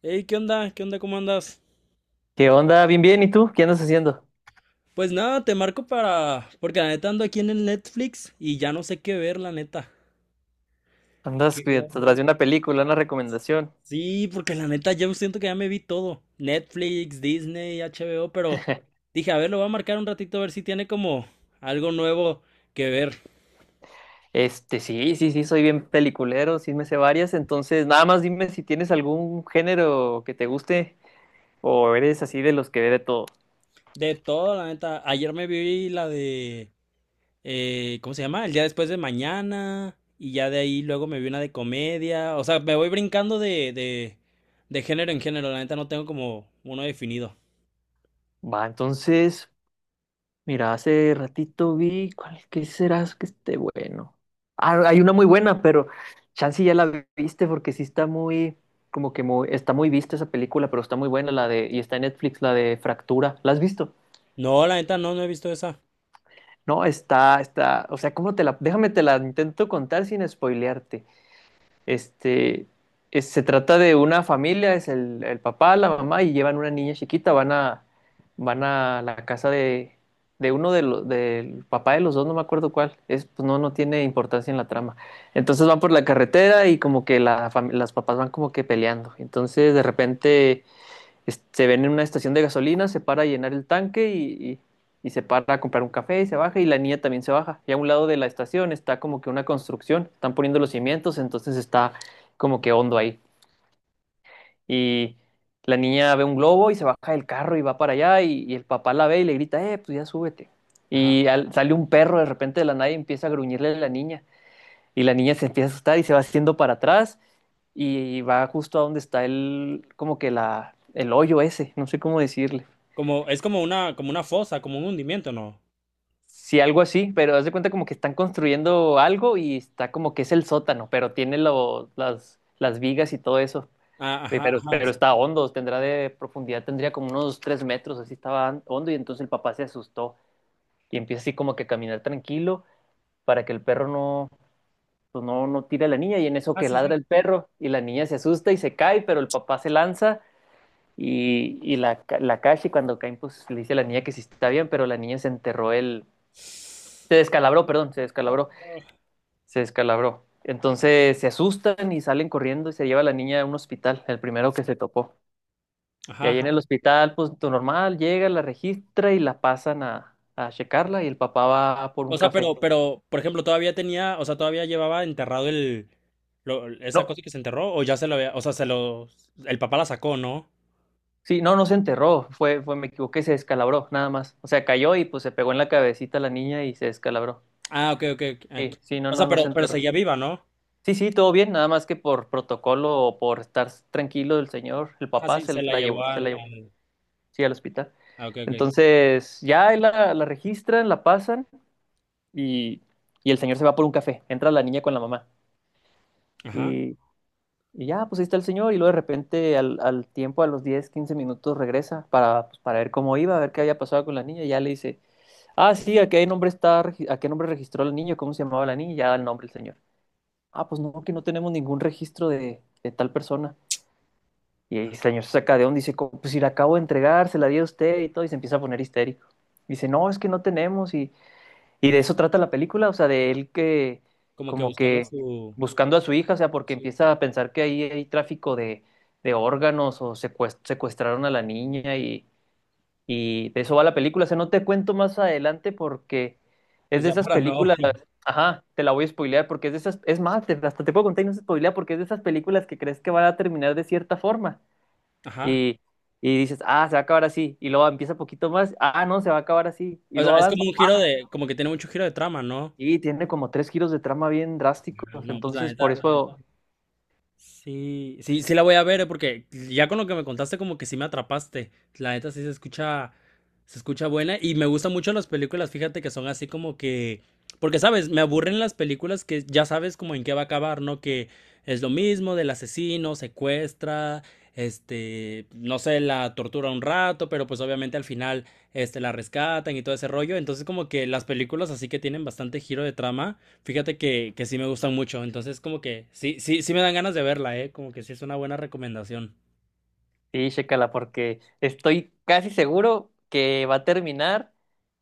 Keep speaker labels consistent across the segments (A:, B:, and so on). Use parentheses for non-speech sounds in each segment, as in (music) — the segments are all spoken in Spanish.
A: Hey, ¿qué onda? ¿Qué onda? ¿Cómo andas?
B: ¿Qué onda? Bien, bien. ¿Y tú? ¿Qué andas haciendo?
A: Pues nada, te marco para... Porque la neta ando aquí en el Netflix y ya no sé qué ver, la neta.
B: Andas
A: Quería
B: atrás
A: ver.
B: de una película, una recomendación.
A: Sí, porque la neta yo siento que ya me vi todo. Netflix, Disney, HBO, pero
B: (laughs)
A: dije, a ver, lo voy a marcar un ratito a ver si tiene como algo nuevo que ver.
B: Sí, sí, sí, soy bien peliculero, sí me sé varias. Entonces, nada más dime si tienes algún género que te guste o eres así de los que ve de todo.
A: De todo, la neta. Ayer me vi la de... ¿cómo se llama? El día después de mañana. Y ya de ahí luego me vi una de comedia. O sea, me voy brincando de género en género. La neta no tengo como uno definido.
B: Va, entonces, mira, hace ratito vi, ¿cuál que será que esté bueno? Ah, no, hay una muy buena, pero chance ya la viste porque sí está muy, como que muy, está muy vista esa película, pero está muy buena la de, y está en Netflix, la de Fractura. ¿La has visto?
A: No, la neta no, he visto esa.
B: No, está, está, o sea, ¿cómo te la, déjame te la intento contar sin spoilearte. Este, se trata de una familia, es el papá, la mamá y llevan una niña chiquita, van a la casa de uno de los, del papá de los dos, no me acuerdo cuál, es, pues no, no tiene importancia en la trama. Entonces van por la carretera y como que la, las papás van como que peleando. Entonces de repente se ven en una estación de gasolina, se para a llenar el tanque y se para a comprar un café y se baja y la niña también se baja. Y a un lado de la estación está como que una construcción, están poniendo los cimientos, entonces está como que hondo ahí. Y la niña ve un globo y se baja del carro y va para allá y el papá la ve y le grita, pues ya súbete.
A: Ajá.
B: Sale un perro de repente de la nada y empieza a gruñirle a la niña. Y la niña se empieza a asustar y se va haciendo para atrás y va justo a donde está el, como que la, el hoyo ese, no sé cómo decirle.
A: Como, es como una fosa, como un hundimiento, ¿no?
B: Sí, algo así, pero haz de cuenta como que están construyendo algo y está como que es el sótano, pero tiene las vigas y todo eso.
A: Ah, ajá, ajá,
B: Pero
A: sí.
B: está hondo, tendrá de profundidad, tendría como unos 3 metros, así estaba hondo y entonces el papá se asustó y empieza así como que a caminar tranquilo para que el perro no, pues no, no tire a la niña y en eso
A: Ajá,
B: que
A: sí,
B: ladra
A: sí.
B: el perro y la niña se asusta y se cae, pero el papá se lanza y la, la cacha y cuando caen pues le dice a la niña que sí está bien, pero la niña se enterró el... Se descalabró, perdón, se
A: Oh.
B: descalabró se descalabró. Entonces se asustan y salen corriendo y se lleva a la niña a un hospital, el primero que se topó. Y
A: Ajá,
B: ahí en el
A: ajá.
B: hospital, pues todo normal, llega, la registra y la pasan a checarla y el papá va por un
A: O sea,
B: café.
A: pero, por ejemplo, todavía tenía, o sea, todavía llevaba enterrado el, lo- esa
B: No,
A: cosa que se enterró, o ya se lo había, o sea, se lo, el papá la sacó, ¿no?
B: sí, no, no se enterró, fue, fue, me equivoqué, se descalabró, nada más. O sea, cayó y pues se pegó en la cabecita la niña y se descalabró.
A: Ah, ok, ok, ok. Ah,
B: Sí, sí, no,
A: o sea,
B: no, no se
A: pero
B: enterró.
A: seguía viva, ¿no?
B: Sí, sí, todo bien, nada más que por protocolo o por estar tranquilo el señor, el
A: Ajá,
B: papá
A: sí, se la llevó
B: se
A: al,
B: la llevó.
A: al...
B: Sí, al hospital.
A: Ah, ok, ok.
B: Entonces, ya ahí la, la registran, la pasan y, y el señor se va por un café. Entra la niña con la mamá.
A: Ajá.
B: Y, y ya, pues ahí está el señor. Y luego de repente, al, al tiempo, a los 10 15 minutos, regresa para, pues, para ver cómo iba, a ver qué había pasado con la niña. Y ya le dice, ah, sí, ¿a qué nombre está, a qué nombre registró el niño? ¿Cómo se llamaba la niña? Y ya da el nombre el señor. Ah, pues no, que no tenemos ningún registro de tal persona. Y el señor se saca de onda y dice, pues si la acabo de entregar, se la di a usted y todo, y se empieza a poner histérico. Dice, no, es que no tenemos, y de eso trata la película, o sea, de él que,
A: Como que
B: como
A: buscando
B: que
A: su...
B: buscando a su hija, o sea, porque
A: su-
B: empieza a pensar que ahí hay tráfico de órganos o secuestraron a la niña y de eso va la película. O sea, no te cuento más adelante porque es
A: Pues
B: de
A: ya
B: esas
A: para no...
B: películas,
A: (laughs)
B: ajá, te la voy a spoilear porque es de esas, es más, hasta te puedo contar y no se spoilea porque es de esas películas que crees que va a terminar de cierta forma
A: Ajá.
B: y, y dices, ah, se va a acabar así, y luego empieza poquito más, ah, no, se va a acabar así, y
A: O
B: luego
A: sea, es
B: avanza.
A: como un giro de... Como que tiene mucho giro de trama, ¿no?
B: Y tiene como tres giros de trama bien drásticos,
A: Ah, no, pues la
B: entonces por
A: neta, la neta.
B: eso,
A: Sí, sí, sí la voy a ver, porque ya con lo que me contaste como que sí me atrapaste. La neta sí se escucha buena y me gustan mucho las películas, fíjate que son así como que, porque sabes, me aburren las películas que ya sabes como en qué va a acabar, ¿no? Que es lo mismo del asesino, secuestra, este, no sé, la tortura un rato, pero pues obviamente al final, este, la rescatan y todo ese rollo. Entonces como que las películas así que tienen bastante giro de trama. Fíjate que sí me gustan mucho, entonces como que sí, sí, sí me dan ganas de verla, ¿eh? Como que sí es una buena recomendación.
B: sí, chécala, porque estoy casi seguro que va a terminar,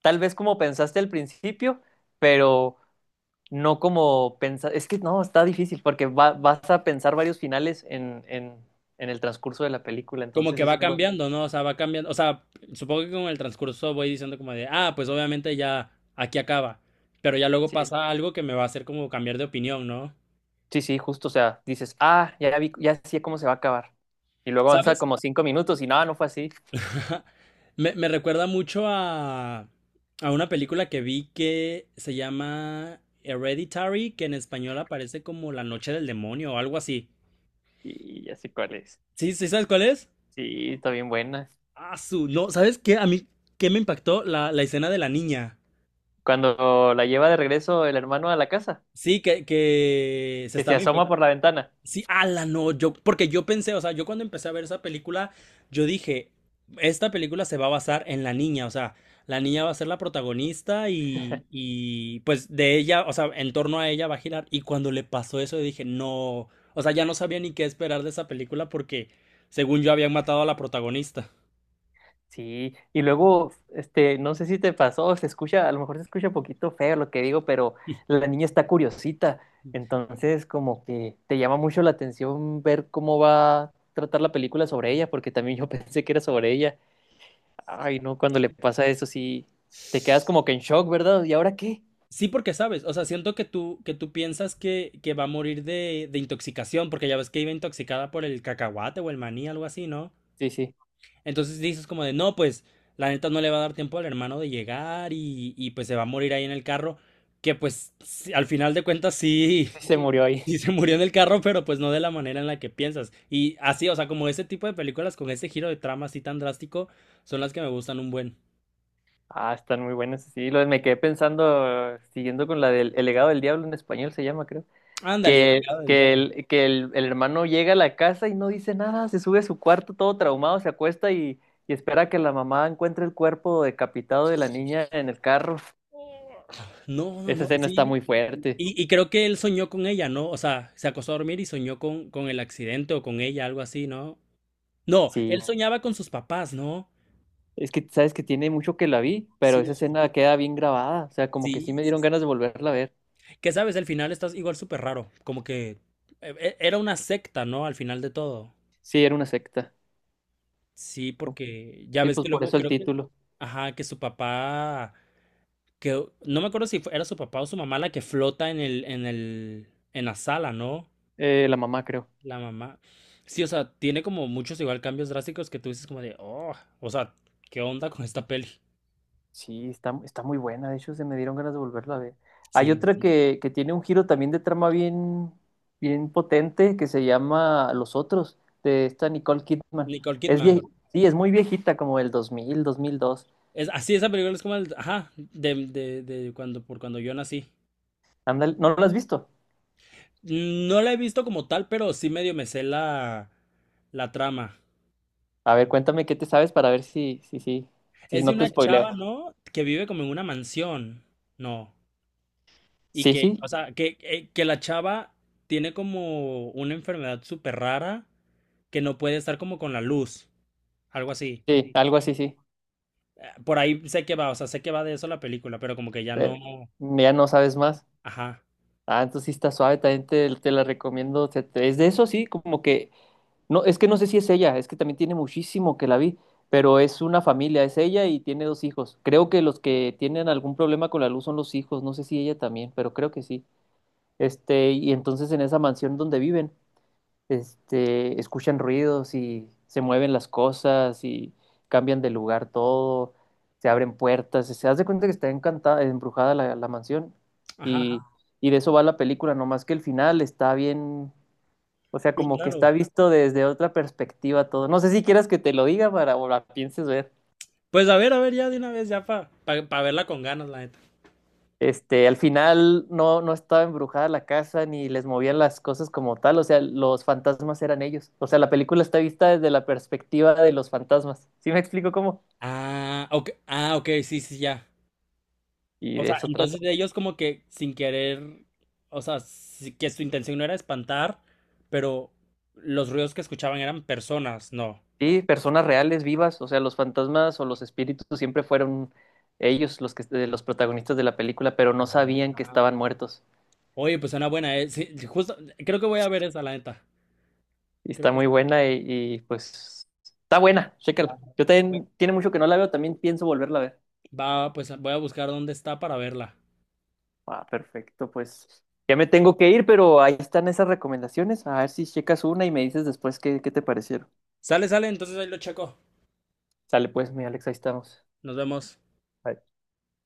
B: tal vez como pensaste al principio, pero no como pensar, es que no, está difícil, porque vas a pensar varios finales en el transcurso de la película,
A: Como
B: entonces
A: que
B: eso
A: va
B: es lo...
A: cambiando, ¿no? O sea, va cambiando, o sea, supongo que con el transcurso voy diciendo como de, ah, pues obviamente ya aquí acaba, pero ya luego
B: Sí,
A: pasa algo que me va a hacer como cambiar de opinión, ¿no?
B: Sí, sí, justo, o sea, dices, ah, ya vi, ya sé cómo se va a acabar. Y luego avanza
A: ¿Sabes?
B: como 5 minutos y nada, no fue así.
A: (laughs) Me recuerda mucho a una película que vi que se llama Hereditary, que en español aparece como La Noche del Demonio o algo así.
B: Y ya sé cuál es.
A: ¿Sí, sí sabes cuál es?
B: Sí, está bien buena.
A: Ah, su, no, ¿sabes qué? A mí, ¿qué me impactó? La escena de la niña.
B: Cuando la lleva de regreso el hermano a la casa,
A: Sí, que se
B: que se
A: estaba
B: asoma
A: infectando.
B: por la ventana.
A: Sí, ala, no, yo, porque yo pensé, o sea, yo cuando empecé a ver esa película, yo dije, esta película se va a basar en la niña, o sea, la niña va a ser la protagonista y pues de ella, o sea, en torno a ella va a girar. Y cuando le pasó eso, yo dije, no, o sea, ya no sabía ni qué esperar de esa película porque, según yo, habían matado a la protagonista.
B: Sí, y luego, no sé si te pasó, se escucha, a lo mejor se escucha un poquito feo lo que digo, pero la niña está curiosita. Entonces, como que te llama mucho la atención ver cómo va a tratar la película sobre ella, porque también yo (laughs) pensé que era sobre ella. Ay, no, cuando le
A: (laughs)
B: pasa eso sí te quedas como que en shock, ¿verdad? ¿Y ahora qué?
A: Sí, porque sabes, o sea, siento que tú piensas que va a morir de intoxicación, porque ya ves que iba intoxicada por el cacahuate o el maní, algo así, ¿no?
B: Sí, sí,
A: Entonces dices como de, no, pues la neta no le va a dar tiempo al hermano de llegar y pues se va a morir ahí en el carro, que pues sí, al final de cuentas sí,
B: sí se murió
A: (laughs)
B: ahí.
A: sí
B: (laughs)
A: se murió en el carro, pero pues no de la manera en la que piensas. Y así, o sea, como ese tipo de películas con ese giro de trama así tan drástico son las que me gustan un buen.
B: Ah, están muy buenas. Sí, lo, me quedé pensando, siguiendo con la del El legado del diablo en español se llama, creo.
A: Ándale, El
B: Que,
A: legado del
B: que,
A: diablo.
B: el, que el, el hermano llega a la casa y no dice nada, se sube a su cuarto todo traumado, se acuesta y espera que la mamá encuentre el cuerpo decapitado de la niña en el carro.
A: No, no,
B: Esa
A: no,
B: escena está
A: sí,
B: muy fuerte.
A: y creo que él soñó con ella, ¿no? O sea, se acostó a dormir y soñó con el accidente o con ella, algo así, ¿no? No, él no,
B: Sí.
A: soñaba con sus papás, ¿no?
B: Es que sabes que tiene mucho que la vi, pero
A: Sí,
B: esa
A: sí,
B: escena queda bien grabada. O sea, como que
A: sí,
B: sí me dieron
A: sí.
B: ganas de volverla a ver.
A: Que sabes, al final estás igual súper raro, como que era una secta, ¿no? Al final de todo.
B: Sí, era una secta.
A: Sí,
B: ¿No?
A: porque ya
B: Sí,
A: ves
B: pues
A: que
B: por
A: luego
B: eso el
A: creo que,
B: título.
A: ajá, que su papá, que no me acuerdo si fue- era su papá o su mamá la que flota en el, en el, en la sala, ¿no?
B: La mamá, creo.
A: La mamá. Sí, o sea, tiene como muchos igual cambios drásticos que tú dices como de, oh, o sea, ¿qué onda con esta peli?
B: Sí, está, está muy buena. De hecho, se me dieron ganas de volverla a ver.
A: Sí,
B: Hay
A: la-
B: otra que tiene un giro también de trama bien, bien potente que se llama Los Otros, de esta Nicole Kidman.
A: Nicole
B: Es
A: Kidman.
B: sí, es muy viejita, como el 2000, 2002.
A: Es, así esa película es como el, ajá, de cuando, por cuando yo nací.
B: Ándale, ¿no la has visto?
A: No la he visto como tal, pero sí medio me sé la, la trama.
B: A ver, cuéntame qué te sabes para ver si
A: Es de
B: no te
A: una chava,
B: spoileo.
A: ¿no? Que vive como en una mansión, ¿no? Y
B: Sí,
A: que,
B: sí.
A: o sea, que, que la chava tiene como una enfermedad súper rara que no puede estar como con la luz, algo así.
B: Sí, algo así, sí.
A: Por ahí sé que va, o sea, sé que va de eso la película, pero como que ya no.
B: Eh, ya no sabes más.
A: Ajá,
B: Ah, entonces sí está suave, también te la recomiendo. Es de eso, sí, como que, no, es que no sé si es ella, es que también tiene muchísimo que la vi, pero es una familia, es ella y tiene 2 hijos. Creo que los que tienen algún problema con la luz son los hijos, no sé si ella también, pero creo que sí. Y entonces en esa mansión donde viven. Escuchan ruidos y se mueven las cosas y cambian de lugar todo, se abren puertas, se hace cuenta que está encantada, embrujada la, la mansión
A: ajá,
B: y,
A: ajá,
B: y de eso va la película, nomás que el final está bien, o sea,
A: bien
B: como que está
A: raro.
B: visto desde otra perspectiva todo. No sé si quieras que te lo diga para o la pienses ver.
A: Pues a ver, ya de una vez, ya para pa verla con ganas, la neta.
B: Al final no, no estaba embrujada la casa ni les movían las cosas como tal, o sea, los fantasmas eran ellos. O sea, la película está vista desde la perspectiva de los fantasmas. ¿Sí me explico cómo?
A: Ah, ok, ah, ok, sí, sí, ya.
B: Y
A: O
B: de
A: sea,
B: eso trata.
A: entonces ellos como que sin querer, o sea, sí que su intención no era espantar, pero los ruidos que escuchaban eran personas, no.
B: Sí, personas reales, vivas, o sea, los fantasmas o los espíritus siempre fueron ellos los que los protagonistas de la película, pero no sabían que
A: Ah.
B: estaban muertos.
A: Oye, pues suena buena, eh. Sí, justo, creo que voy a ver esa, la neta.
B: Y
A: Creo
B: está
A: que
B: muy
A: sí.
B: buena y, pues está buena, chécala.
A: Va,
B: Yo también tiene mucho que no la veo, también pienso volverla a ver.
A: va, pues voy a buscar dónde está para verla.
B: Ah, perfecto, pues ya me tengo que ir, pero ahí están esas recomendaciones. A ver si checas una y me dices después qué, qué te parecieron.
A: Sale, sale, entonces ahí lo checo.
B: Sale pues, mi Alex, ahí estamos.
A: Nos vemos.
B: Bye.